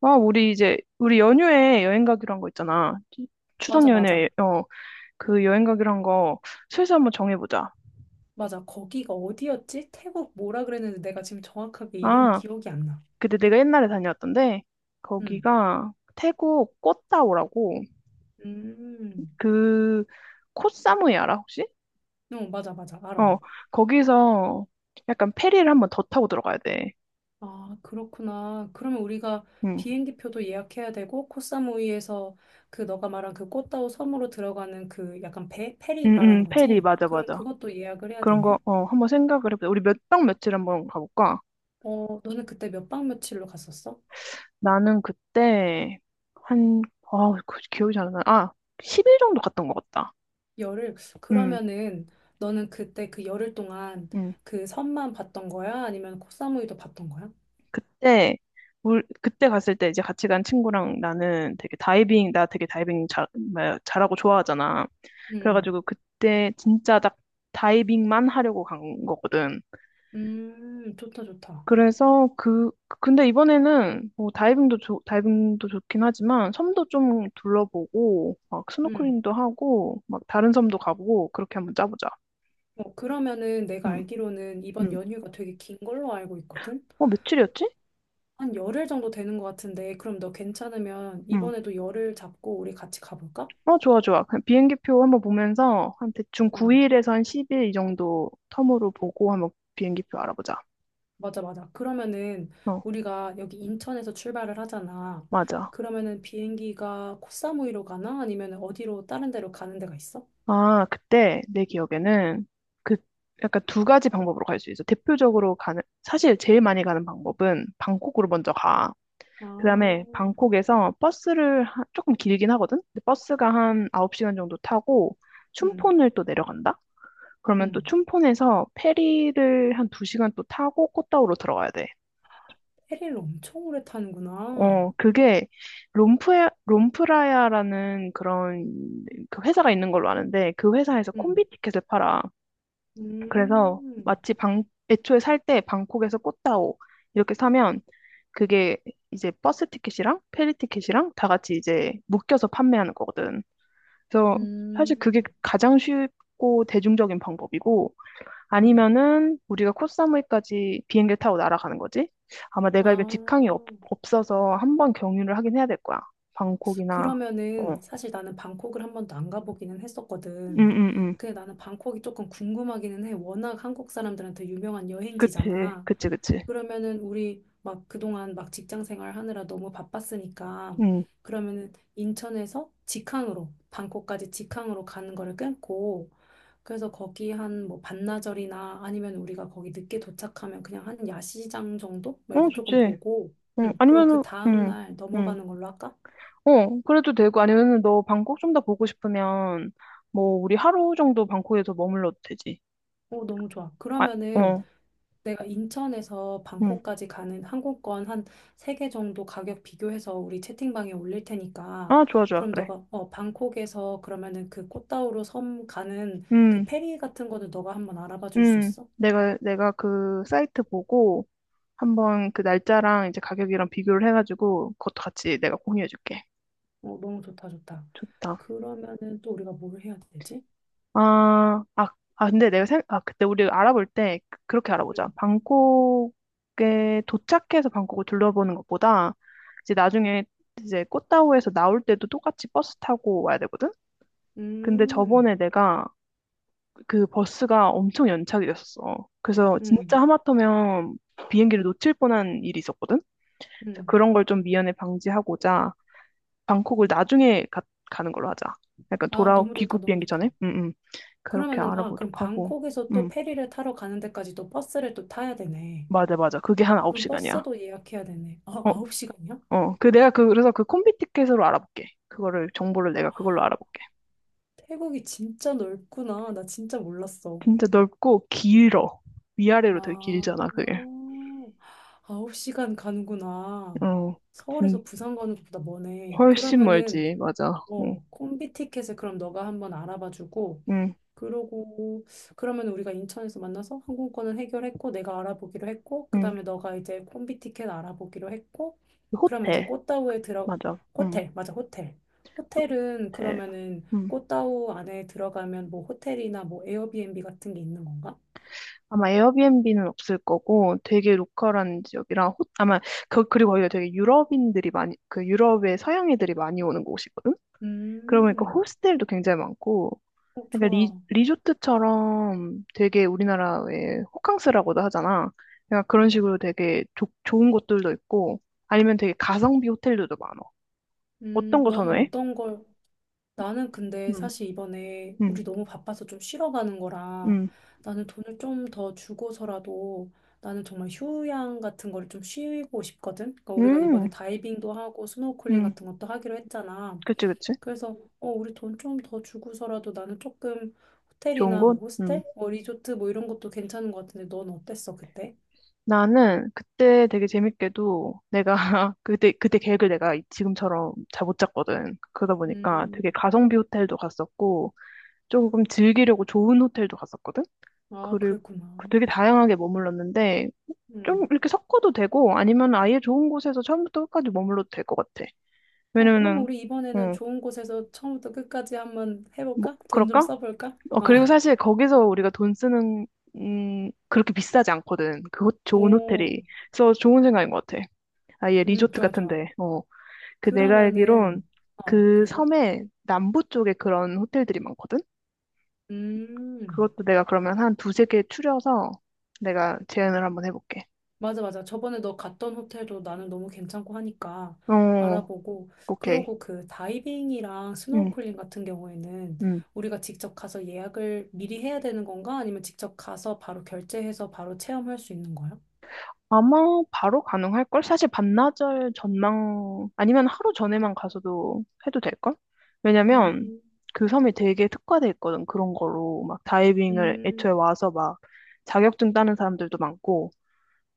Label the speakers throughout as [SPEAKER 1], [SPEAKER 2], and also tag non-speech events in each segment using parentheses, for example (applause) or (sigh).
[SPEAKER 1] 아, 우리 연휴에 여행 가기로 한 거 있잖아. 추석
[SPEAKER 2] 맞아, 맞아.
[SPEAKER 1] 연휴에, 그 여행 가기로 한 거 슬슬 한번 정해보자.
[SPEAKER 2] 맞아. 거기가 어디였지? 태국 뭐라 그랬는데 내가 지금 정확하게 이름이
[SPEAKER 1] 아,
[SPEAKER 2] 기억이 안 나.
[SPEAKER 1] 근데 내가 옛날에 다녀왔던데,
[SPEAKER 2] 음.
[SPEAKER 1] 거기가 태국 꽃다오라고,
[SPEAKER 2] 음.
[SPEAKER 1] 그, 코사무이 알아, 혹시?
[SPEAKER 2] 어, 맞아, 맞아. 알아.
[SPEAKER 1] 어, 거기서 약간 페리를 한번 더 타고 들어가야 돼.
[SPEAKER 2] 아, 그렇구나. 그러면 우리가
[SPEAKER 1] 응,
[SPEAKER 2] 비행기 표도 예약해야 되고, 코사무이에서 그 너가 말한 그 꽃다오 섬으로 들어가는 그 약간 배, 페리
[SPEAKER 1] 응, 응,
[SPEAKER 2] 말하는
[SPEAKER 1] 페리,
[SPEAKER 2] 거지?
[SPEAKER 1] 맞아,
[SPEAKER 2] 그럼
[SPEAKER 1] 맞아.
[SPEAKER 2] 그것도 예약을 해야
[SPEAKER 1] 그런 거,
[SPEAKER 2] 되네?
[SPEAKER 1] 한번 생각을 해보자. 우리 몇 박 며칠 한번 가볼까?
[SPEAKER 2] 어, 너는 그때 몇 박 며칠로 갔었어?
[SPEAKER 1] 나는 그때 한, 그 기억이 잘 안 나. 아, 10일 정도 갔던 것 같다.
[SPEAKER 2] 열흘.
[SPEAKER 1] 음,
[SPEAKER 2] 그러면은 너는 그때 그 열흘 동안
[SPEAKER 1] 음.
[SPEAKER 2] 그 섬만 봤던 거야? 아니면 코사무이도 봤던 거야?
[SPEAKER 1] 그때, 그때 갔을 때 이제 같이 간 친구랑 나 되게 다이빙 잘, 뭐야, 잘하고 좋아하잖아.
[SPEAKER 2] 음,
[SPEAKER 1] 그래가지고 그때 진짜 딱 다이빙만 하려고 간 거거든.
[SPEAKER 2] 좋다, 좋다.
[SPEAKER 1] 그래서 근데 이번에는 뭐 다이빙도 좋긴 하지만 섬도 좀 둘러보고 막
[SPEAKER 2] 음.
[SPEAKER 1] 스노클링도 하고 막 다른 섬도 가보고 그렇게 한번 짜보자.
[SPEAKER 2] 어, 그러면은 내가
[SPEAKER 1] 음.
[SPEAKER 2] 알기로는 이번
[SPEAKER 1] 음.
[SPEAKER 2] 연휴가 되게 긴 걸로 알고 있거든?
[SPEAKER 1] 어, 며칠이었지?
[SPEAKER 2] 한 열흘 정도 되는 것 같은데, 그럼 너 괜찮으면
[SPEAKER 1] 음.
[SPEAKER 2] 이번에도 열흘 잡고 우리 같이 가볼까?
[SPEAKER 1] 어, 좋아, 좋아. 그냥 비행기표 한번 보면서 한 대충
[SPEAKER 2] 음,
[SPEAKER 1] 9일에서 한 10일 이 정도 텀으로 보고 한번 비행기표 알아보자.
[SPEAKER 2] 맞아, 맞아. 그러면은
[SPEAKER 1] 어,
[SPEAKER 2] 우리가 여기 인천에서 출발을 하잖아.
[SPEAKER 1] 맞아.
[SPEAKER 2] 그러면은 비행기가 코사무이로 가나? 아니면 어디로 다른 데로 가는 데가 있어?
[SPEAKER 1] 아, 그때 내 기억에는 그 약간 두 가지 방법으로 갈 수 있어. 사실 제일 많이 가는 방법은 방콕으로 먼저 가. 그다음에
[SPEAKER 2] 아,
[SPEAKER 1] 방콕에서 버스를 조금 길긴 하거든? 근데 버스가 한 9시간 정도 타고
[SPEAKER 2] 음,
[SPEAKER 1] 춘폰을 또 내려간다? 그러면 또
[SPEAKER 2] 음.
[SPEAKER 1] 춘폰에서 페리를 한 2시간 또 타고 꽃다우로 들어가야 돼.
[SPEAKER 2] 페리를 엄청 오래 타는구나.
[SPEAKER 1] 어, 그게 롬프라야라는 그런 그 회사가 있는 걸로 아는데 그 회사에서
[SPEAKER 2] 음,
[SPEAKER 1] 콤비 티켓을 팔아. 그래서
[SPEAKER 2] 음.
[SPEAKER 1] 애초에 살 때 방콕에서 꽃다오 이렇게 사면 그게 이제 버스 티켓이랑 페리 티켓이랑 다 같이 이제 묶여서 판매하는 거거든. 그래서 사실
[SPEAKER 2] 음,
[SPEAKER 1] 그게 가장 쉽고 대중적인 방법이고
[SPEAKER 2] 음.
[SPEAKER 1] 아니면은 우리가 코사무이까지 비행기를 타고 날아가는 거지? 아마
[SPEAKER 2] 아,
[SPEAKER 1] 내가 이거 없어서 한번 경유를 하긴 해야 될 거야. 방콕이나, 어.
[SPEAKER 2] 그러면은 사실 나는 방콕을 한 번도 안 가보기는 했었거든.
[SPEAKER 1] 응, 응, 응.
[SPEAKER 2] 근데 나는 방콕이 조금 궁금하기는 해. 워낙 한국 사람들한테 유명한
[SPEAKER 1] 그치,
[SPEAKER 2] 여행지잖아.
[SPEAKER 1] 그치, 그치.
[SPEAKER 2] 그러면은 우리 막 그동안 막 직장 생활 하느라 너무 바빴으니까
[SPEAKER 1] 응.
[SPEAKER 2] 그러면은 인천에서 직항으로 방콕까지 직항으로 가는 거를 끊고 그래서 거기 한 뭐 반나절이나 아니면 우리가 거기 늦게 도착하면 그냥 한 야시장 정도? 뭐
[SPEAKER 1] 어,
[SPEAKER 2] 이렇게 조금
[SPEAKER 1] 좋지.
[SPEAKER 2] 보고,
[SPEAKER 1] 응.
[SPEAKER 2] 응. 그리고 그
[SPEAKER 1] 아니면은, 응,
[SPEAKER 2] 다음날
[SPEAKER 1] 응.
[SPEAKER 2] 넘어가는 걸로 할까?
[SPEAKER 1] 어, 그래도 되고, 아니면은 너 방콕 좀 더 보고 싶으면, 뭐, 우리 하루 정도 방콕에서 머물러도 되지.
[SPEAKER 2] 오, 너무 좋아.
[SPEAKER 1] 아,
[SPEAKER 2] 그러면은
[SPEAKER 1] 어,
[SPEAKER 2] 내가 인천에서
[SPEAKER 1] 응.
[SPEAKER 2] 방콕까지 가는 항공권 한 세 개 정도 가격 비교해서 우리 채팅방에 올릴 테니까,
[SPEAKER 1] 아, 좋아, 좋아,
[SPEAKER 2] 그럼
[SPEAKER 1] 그래.
[SPEAKER 2] 너가, 방콕에서 그러면은 그 꽃다우로 섬 가는 그
[SPEAKER 1] 응,
[SPEAKER 2] 페리 같은 거는 너가 한번 알아봐 줄 수
[SPEAKER 1] 응.
[SPEAKER 2] 있어?
[SPEAKER 1] 내가 그 사이트 보고, 한번 그 날짜랑 이제 가격이랑 비교를 해가지고 그것도 같이 내가 공유해줄게.
[SPEAKER 2] 어, 너무 좋다, 좋다.
[SPEAKER 1] 좋다.
[SPEAKER 2] 그러면은 또 우리가 뭘 해야 되지?
[SPEAKER 1] 아, 아, 근데 내가 생, 아 그때 우리 알아볼 때 그렇게 알아보자.
[SPEAKER 2] 응.
[SPEAKER 1] 방콕에 도착해서 방콕을 둘러보는 것보다 이제 나중에 이제 꽃다오에서 나올 때도 똑같이 버스 타고 와야 되거든. 근데
[SPEAKER 2] 음,
[SPEAKER 1] 저번에 내가 그 버스가 엄청 연착이 됐었어. 그래서 진짜
[SPEAKER 2] 음,
[SPEAKER 1] 하마터면 비행기를 놓칠 뻔한 일이 있었거든. 그래서
[SPEAKER 2] 음.
[SPEAKER 1] 그런 걸 좀 미연에 방지하고자 방콕을 나중에 가는 걸로 하자. 약간
[SPEAKER 2] 아,
[SPEAKER 1] 돌아
[SPEAKER 2] 너무 좋다,
[SPEAKER 1] 귀국
[SPEAKER 2] 너무
[SPEAKER 1] 비행기
[SPEAKER 2] 좋다.
[SPEAKER 1] 전에. 응, 응. 그렇게
[SPEAKER 2] 그러면은, 아, 그럼
[SPEAKER 1] 알아보도록 하고.
[SPEAKER 2] 방콕에서 또
[SPEAKER 1] 응.
[SPEAKER 2] 페리를 타러 가는 데까지 또 버스를 또 타야 되네.
[SPEAKER 1] 맞아, 맞아. 그게 한
[SPEAKER 2] 그럼
[SPEAKER 1] 9시간이야.
[SPEAKER 2] 버스도 예약해야 되네. 아,
[SPEAKER 1] 어,
[SPEAKER 2] 9시간이야?
[SPEAKER 1] 어. 내가 그래서 그 콤비 티켓으로 알아볼게. 그거를 정보를 내가 그걸로 알아볼게.
[SPEAKER 2] 태국이 진짜 넓구나. 나 진짜 몰랐어.
[SPEAKER 1] 진짜 넓고 길어. 위아래로 되게
[SPEAKER 2] 아,
[SPEAKER 1] 길잖아, 그게.
[SPEAKER 2] 9시간 가는구나.
[SPEAKER 1] 어. 진
[SPEAKER 2] 서울에서 부산 가는 것보다 머네.
[SPEAKER 1] 훨씬
[SPEAKER 2] 그러면은,
[SPEAKER 1] 멀지. 맞아. 응.
[SPEAKER 2] 어, 콤비 티켓을 그럼 너가 한번 알아봐주고,
[SPEAKER 1] 응.
[SPEAKER 2] 그러고 그러면 우리가 인천에서 만나서 항공권은 해결했고 내가 알아보기로 했고
[SPEAKER 1] 응.
[SPEAKER 2] 그다음에 너가 이제 콤비 티켓 알아보기로 했고 그러면 이제
[SPEAKER 1] 호텔.
[SPEAKER 2] 꽃다우에 들어,
[SPEAKER 1] 맞아. 응.
[SPEAKER 2] 호텔, 맞아, 호텔은
[SPEAKER 1] 호텔.
[SPEAKER 2] 그러면은
[SPEAKER 1] 응.
[SPEAKER 2] 꽃다우 안에 들어가면 뭐 호텔이나 뭐 에어비앤비 같은 게 있는 건가?
[SPEAKER 1] 아마 에어비앤비는 없을 거고 되게 로컬한 지역이랑 아마 그리고 거기가 되게 유럽인들이 많이 그 유럽의 서양인들이 많이 오는 곳이거든. 그러고 보니까
[SPEAKER 2] 음,
[SPEAKER 1] 호스텔도 굉장히 많고
[SPEAKER 2] 어,
[SPEAKER 1] 그러니까
[SPEAKER 2] 좋아.
[SPEAKER 1] 리조트처럼 되게 우리나라의 호캉스라고도 하잖아. 그러니까 그런
[SPEAKER 2] 음,
[SPEAKER 1] 식으로 되게 좋은 곳들도 있고 아니면 되게 가성비 호텔들도 많아. 어떤 거
[SPEAKER 2] 넌
[SPEAKER 1] 선호해?
[SPEAKER 2] 어떤 걸. 나는 근데
[SPEAKER 1] 음.
[SPEAKER 2] 사실 이번에
[SPEAKER 1] 음,
[SPEAKER 2] 우리 너무 바빠서 좀 쉬러 가는 거라
[SPEAKER 1] 음,
[SPEAKER 2] 나는 돈을 좀 더 주고서라도 나는 정말 휴양 같은 거를 좀 쉬고 싶거든. 그러니까 우리가
[SPEAKER 1] 음,
[SPEAKER 2] 이번에 다이빙도 하고 스노우클링
[SPEAKER 1] 음.
[SPEAKER 2] 같은 것도 하기로 했잖아.
[SPEAKER 1] 그치, 그치.
[SPEAKER 2] 그래서 우리 돈 좀 더 주고서라도 나는 조금
[SPEAKER 1] 좋은
[SPEAKER 2] 호텔이나 뭐
[SPEAKER 1] 곳? 음.
[SPEAKER 2] 호스텔, 뭐 리조트 뭐 이런 것도 괜찮은 것 같은데 넌 어땠어 그때?
[SPEAKER 1] 나는 그때 되게 재밌게도 내가 (laughs) 그때 계획을 내가 지금처럼 잘 못 짰거든. 그러다 보니까
[SPEAKER 2] 음,
[SPEAKER 1] 되게 가성비 호텔도 갔었고 조금 즐기려고 좋은 호텔도 갔었거든.
[SPEAKER 2] 아
[SPEAKER 1] 그리고
[SPEAKER 2] 그랬구나.
[SPEAKER 1] 그 되게 다양하게 머물렀는데 좀
[SPEAKER 2] 음.
[SPEAKER 1] 이렇게 섞어도 되고 아니면 아예 좋은 곳에서 처음부터 끝까지 머물러도 될 것 같아.
[SPEAKER 2] 어, 그러면
[SPEAKER 1] 왜냐면은
[SPEAKER 2] 우리 이번에는
[SPEAKER 1] 어,
[SPEAKER 2] 좋은 곳에서 처음부터 끝까지 한번
[SPEAKER 1] 뭐
[SPEAKER 2] 해볼까? 돈 좀
[SPEAKER 1] 그럴까?
[SPEAKER 2] 써볼까?
[SPEAKER 1] 어
[SPEAKER 2] 어.
[SPEAKER 1] 그리고 사실 거기서 우리가 돈 쓰는 그렇게 비싸지 않거든. 그 좋은
[SPEAKER 2] 오,
[SPEAKER 1] 호텔이. 그래서 좋은 생각인 것 같아. 아예 리조트
[SPEAKER 2] 좋아, 좋아.
[SPEAKER 1] 같은데. 어. 그 내가
[SPEAKER 2] 그러면은,
[SPEAKER 1] 알기론 그
[SPEAKER 2] 그리고?
[SPEAKER 1] 섬에 남부 쪽에 그런 호텔들이 많거든?
[SPEAKER 2] 음,
[SPEAKER 1] 그것도 내가 그러면 한 두세 개 추려서 내가 제안을 한번 해볼게.
[SPEAKER 2] 맞아, 맞아. 저번에 너 갔던 호텔도 나는 너무 괜찮고 하니까
[SPEAKER 1] 어,
[SPEAKER 2] 알아보고,
[SPEAKER 1] 오케이.
[SPEAKER 2] 그러고 그 다이빙이랑
[SPEAKER 1] 응,
[SPEAKER 2] 스노우클링 같은 경우에는
[SPEAKER 1] 응.
[SPEAKER 2] 우리가 직접 가서 예약을 미리 해야 되는 건가? 아니면 직접 가서 바로 결제해서 바로 체험할 수 있는 거야?
[SPEAKER 1] 아마 바로 가능할걸? 사실 반나절 아니면 하루 전에만 가서도 해도 될걸?
[SPEAKER 2] 음,
[SPEAKER 1] 왜냐면 그 섬이 되게 특화돼 있거든, 그런 거로. 막 다이빙을
[SPEAKER 2] 음,
[SPEAKER 1] 애초에 와서 막 자격증 따는 사람들도 많고,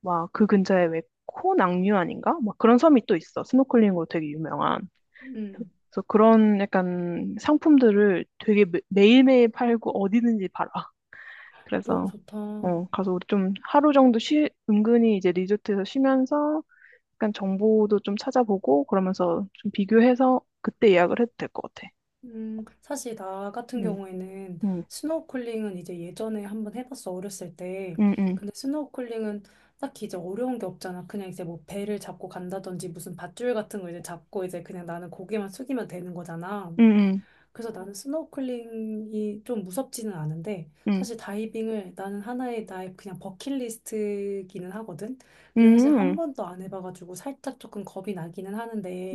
[SPEAKER 1] 막 그 근처에 왜 코낭류 아닌가? 막 그런 섬이 또 있어. 스노클링으로 되게 유명한.
[SPEAKER 2] 음,
[SPEAKER 1] 그래서 그런 약간 상품들을 되게 매일매일 팔고 어디든지 팔아. (laughs)
[SPEAKER 2] 너무
[SPEAKER 1] 그래서
[SPEAKER 2] 좋다.
[SPEAKER 1] 가서 우리 좀 하루 정도 은근히 이제 리조트에서 쉬면서 약간 정보도 좀 찾아보고 그러면서 좀 비교해서 그때 예약을 해도 될 것 같아.
[SPEAKER 2] 사실 나 같은
[SPEAKER 1] 응,
[SPEAKER 2] 경우에는
[SPEAKER 1] 응,
[SPEAKER 2] 스노우클링은 이제 예전에 한번 해봤어, 어렸을 때.
[SPEAKER 1] 응, 응,
[SPEAKER 2] 근데 스노우클링은 딱히 이제 어려운 게 없잖아. 그냥 이제 뭐 배를 잡고 간다든지 무슨 밧줄 같은 거 이제 잡고 이제 그냥 나는 고개만 숙이면 되는 거잖아.
[SPEAKER 1] 응,
[SPEAKER 2] 그래서 나는 스노클링이 좀 무섭지는 않은데
[SPEAKER 1] 응,
[SPEAKER 2] 사실 다이빙을 나는 하나의 나의 그냥 버킷리스트기는 하거든.
[SPEAKER 1] 응,
[SPEAKER 2] 근데 사실
[SPEAKER 1] 응,
[SPEAKER 2] 한 번도 안 해봐가지고 살짝 조금 겁이 나기는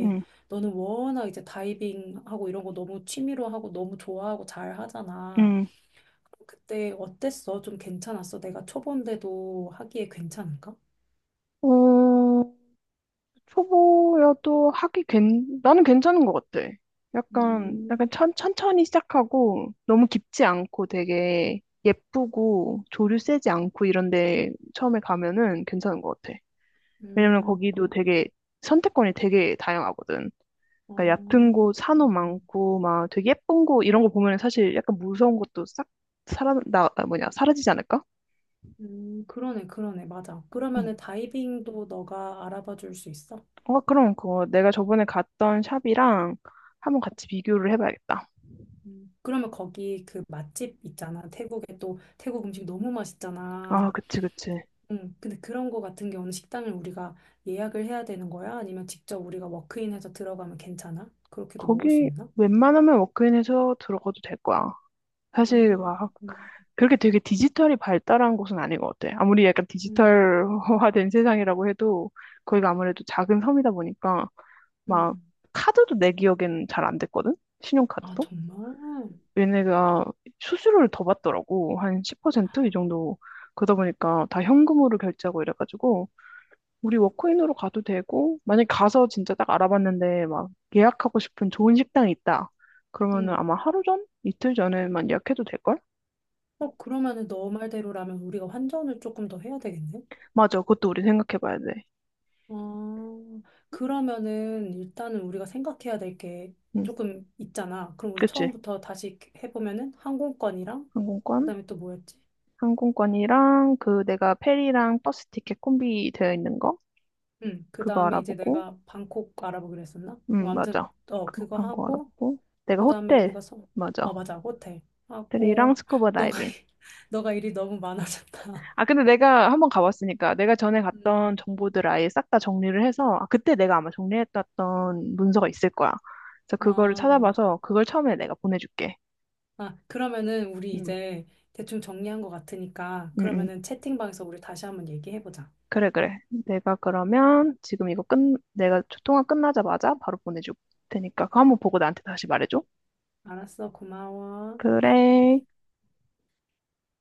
[SPEAKER 1] 응, 응.
[SPEAKER 2] 너는 워낙 이제 다이빙하고 이런 거 너무 취미로 하고 너무 좋아하고 잘 하잖아.
[SPEAKER 1] 응.
[SPEAKER 2] 그때 어땠어? 좀 괜찮았어? 내가 초보인데도 하기에 괜찮은가?
[SPEAKER 1] 어, 초보여도 나는 괜찮은 것 같아. 약간,
[SPEAKER 2] 음,
[SPEAKER 1] 약간 천천히 시작하고 너무 깊지 않고 되게 예쁘고 조류 세지 않고 이런데 처음에 가면은 괜찮은 것 같아. 왜냐면
[SPEAKER 2] 음,
[SPEAKER 1] 거기도
[SPEAKER 2] 그-
[SPEAKER 1] 되게 선택권이 되게 다양하거든. 그러니까 얕은
[SPEAKER 2] 어,
[SPEAKER 1] 곳, 산호
[SPEAKER 2] 그렇구나.
[SPEAKER 1] 많고 막 되게 예쁜 곳 이런 거 보면 사실 약간 무서운 것도 싹 사라, 나, 아, 뭐냐, 사라지지 않을까?
[SPEAKER 2] 그러네, 그러네, 맞아.
[SPEAKER 1] 응.
[SPEAKER 2] 그러면은 다이빙도 너가 알아봐 줄 수 있어?
[SPEAKER 1] 어, 그럼 그거 내가 저번에 갔던 샵이랑 한번 같이 비교를 해봐야겠다.
[SPEAKER 2] 그러면 거기 그 맛집 있잖아. 태국에 또 태국 음식 너무 맛있잖아.
[SPEAKER 1] 아, 그치, 그치.
[SPEAKER 2] 근데 그런 거 같은 경우는 식당을 우리가 예약을 해야 되는 거야? 아니면 직접 우리가 워크인해서 들어가면 괜찮아? 그렇게도 먹을 수
[SPEAKER 1] 거기
[SPEAKER 2] 있나?
[SPEAKER 1] 웬만하면 워크인에서 들어가도 될 거야. 사실 막
[SPEAKER 2] 그렇구나.
[SPEAKER 1] 그렇게 되게 디지털이 발달한 곳은 아닌 것 같아. 아무리 약간
[SPEAKER 2] 음,
[SPEAKER 1] 디지털화된 (laughs) 세상이라고 해도 거기가 아무래도 작은 섬이다 보니까 막
[SPEAKER 2] 음.
[SPEAKER 1] 카드도 내 기억엔 잘 안 됐거든?
[SPEAKER 2] 아,
[SPEAKER 1] 신용카드도?
[SPEAKER 2] 정말?
[SPEAKER 1] 얘네가 수수료를 더 받더라고. 한 10%이 정도. 그러다 보니까 다 현금으로 결제하고 이래가지고 우리 워크인으로 가도 되고, 만약에 가서 진짜 딱 알아봤는데 막 예약하고 싶은 좋은 식당이 있다. 그러면은
[SPEAKER 2] 음.
[SPEAKER 1] 아마 하루 전? 이틀 전에만 예약해도 될걸?
[SPEAKER 2] 어, 그러면은 너 말대로라면 우리가 환전을 조금 더 해야 되겠네?
[SPEAKER 1] 맞아. 그것도 우리 생각해봐야 돼.
[SPEAKER 2] 아, 그러면은 일단은 우리가 생각해야 될 게
[SPEAKER 1] 응.
[SPEAKER 2] 조금 있잖아. 그럼 우리
[SPEAKER 1] 그치?
[SPEAKER 2] 처음부터 다시 해보면은 항공권이랑
[SPEAKER 1] 항공권?
[SPEAKER 2] 그다음에 또 뭐였지?
[SPEAKER 1] 항공권이랑 그 내가 페리랑 버스 티켓 콤비 되어 있는 거?
[SPEAKER 2] 응,
[SPEAKER 1] 그거
[SPEAKER 2] 그다음에 이제
[SPEAKER 1] 알아보고.
[SPEAKER 2] 내가 방콕 알아보기로 했었나? 뭐
[SPEAKER 1] 응,
[SPEAKER 2] 아무튼
[SPEAKER 1] 맞아. 그거
[SPEAKER 2] 그거
[SPEAKER 1] 판거
[SPEAKER 2] 하고
[SPEAKER 1] 알아보고. 내가
[SPEAKER 2] 그다음에
[SPEAKER 1] 호텔.
[SPEAKER 2] 우리가 서, 어,
[SPEAKER 1] 맞아.
[SPEAKER 2] 맞아, 호텔
[SPEAKER 1] 호텔이랑
[SPEAKER 2] 하고 (gasps) (laughs)
[SPEAKER 1] 스쿠버
[SPEAKER 2] 너가
[SPEAKER 1] 다이빙.
[SPEAKER 2] 일- 너가 일이 너무 많아졌다. (laughs)
[SPEAKER 1] 아, 근데 내가 한번 가봤으니까 내가 전에 갔던
[SPEAKER 2] 음,
[SPEAKER 1] 정보들 아예 싹 다 정리를 해서 아, 그때 내가 아마 정리했던 문서가 있을 거야. 그래서 그거를
[SPEAKER 2] 아, 막,
[SPEAKER 1] 찾아봐서 그걸 처음에 내가 보내줄게.
[SPEAKER 2] 아, 그러면은 우리
[SPEAKER 1] 응,
[SPEAKER 2] 이제 대충 정리한 것 같으니까
[SPEAKER 1] 응, 응.
[SPEAKER 2] 그러면은 채팅방에서 우리 다시 한번 얘기해보자.
[SPEAKER 1] 그래, 그래. 내가 그러면 지금 이거 끝, 내가 통화 끝나자마자 바로 보내줄 테니까 그거 한번 보고 나한테 다시 말해줘.
[SPEAKER 2] 알았어, 고마워.
[SPEAKER 1] 그래.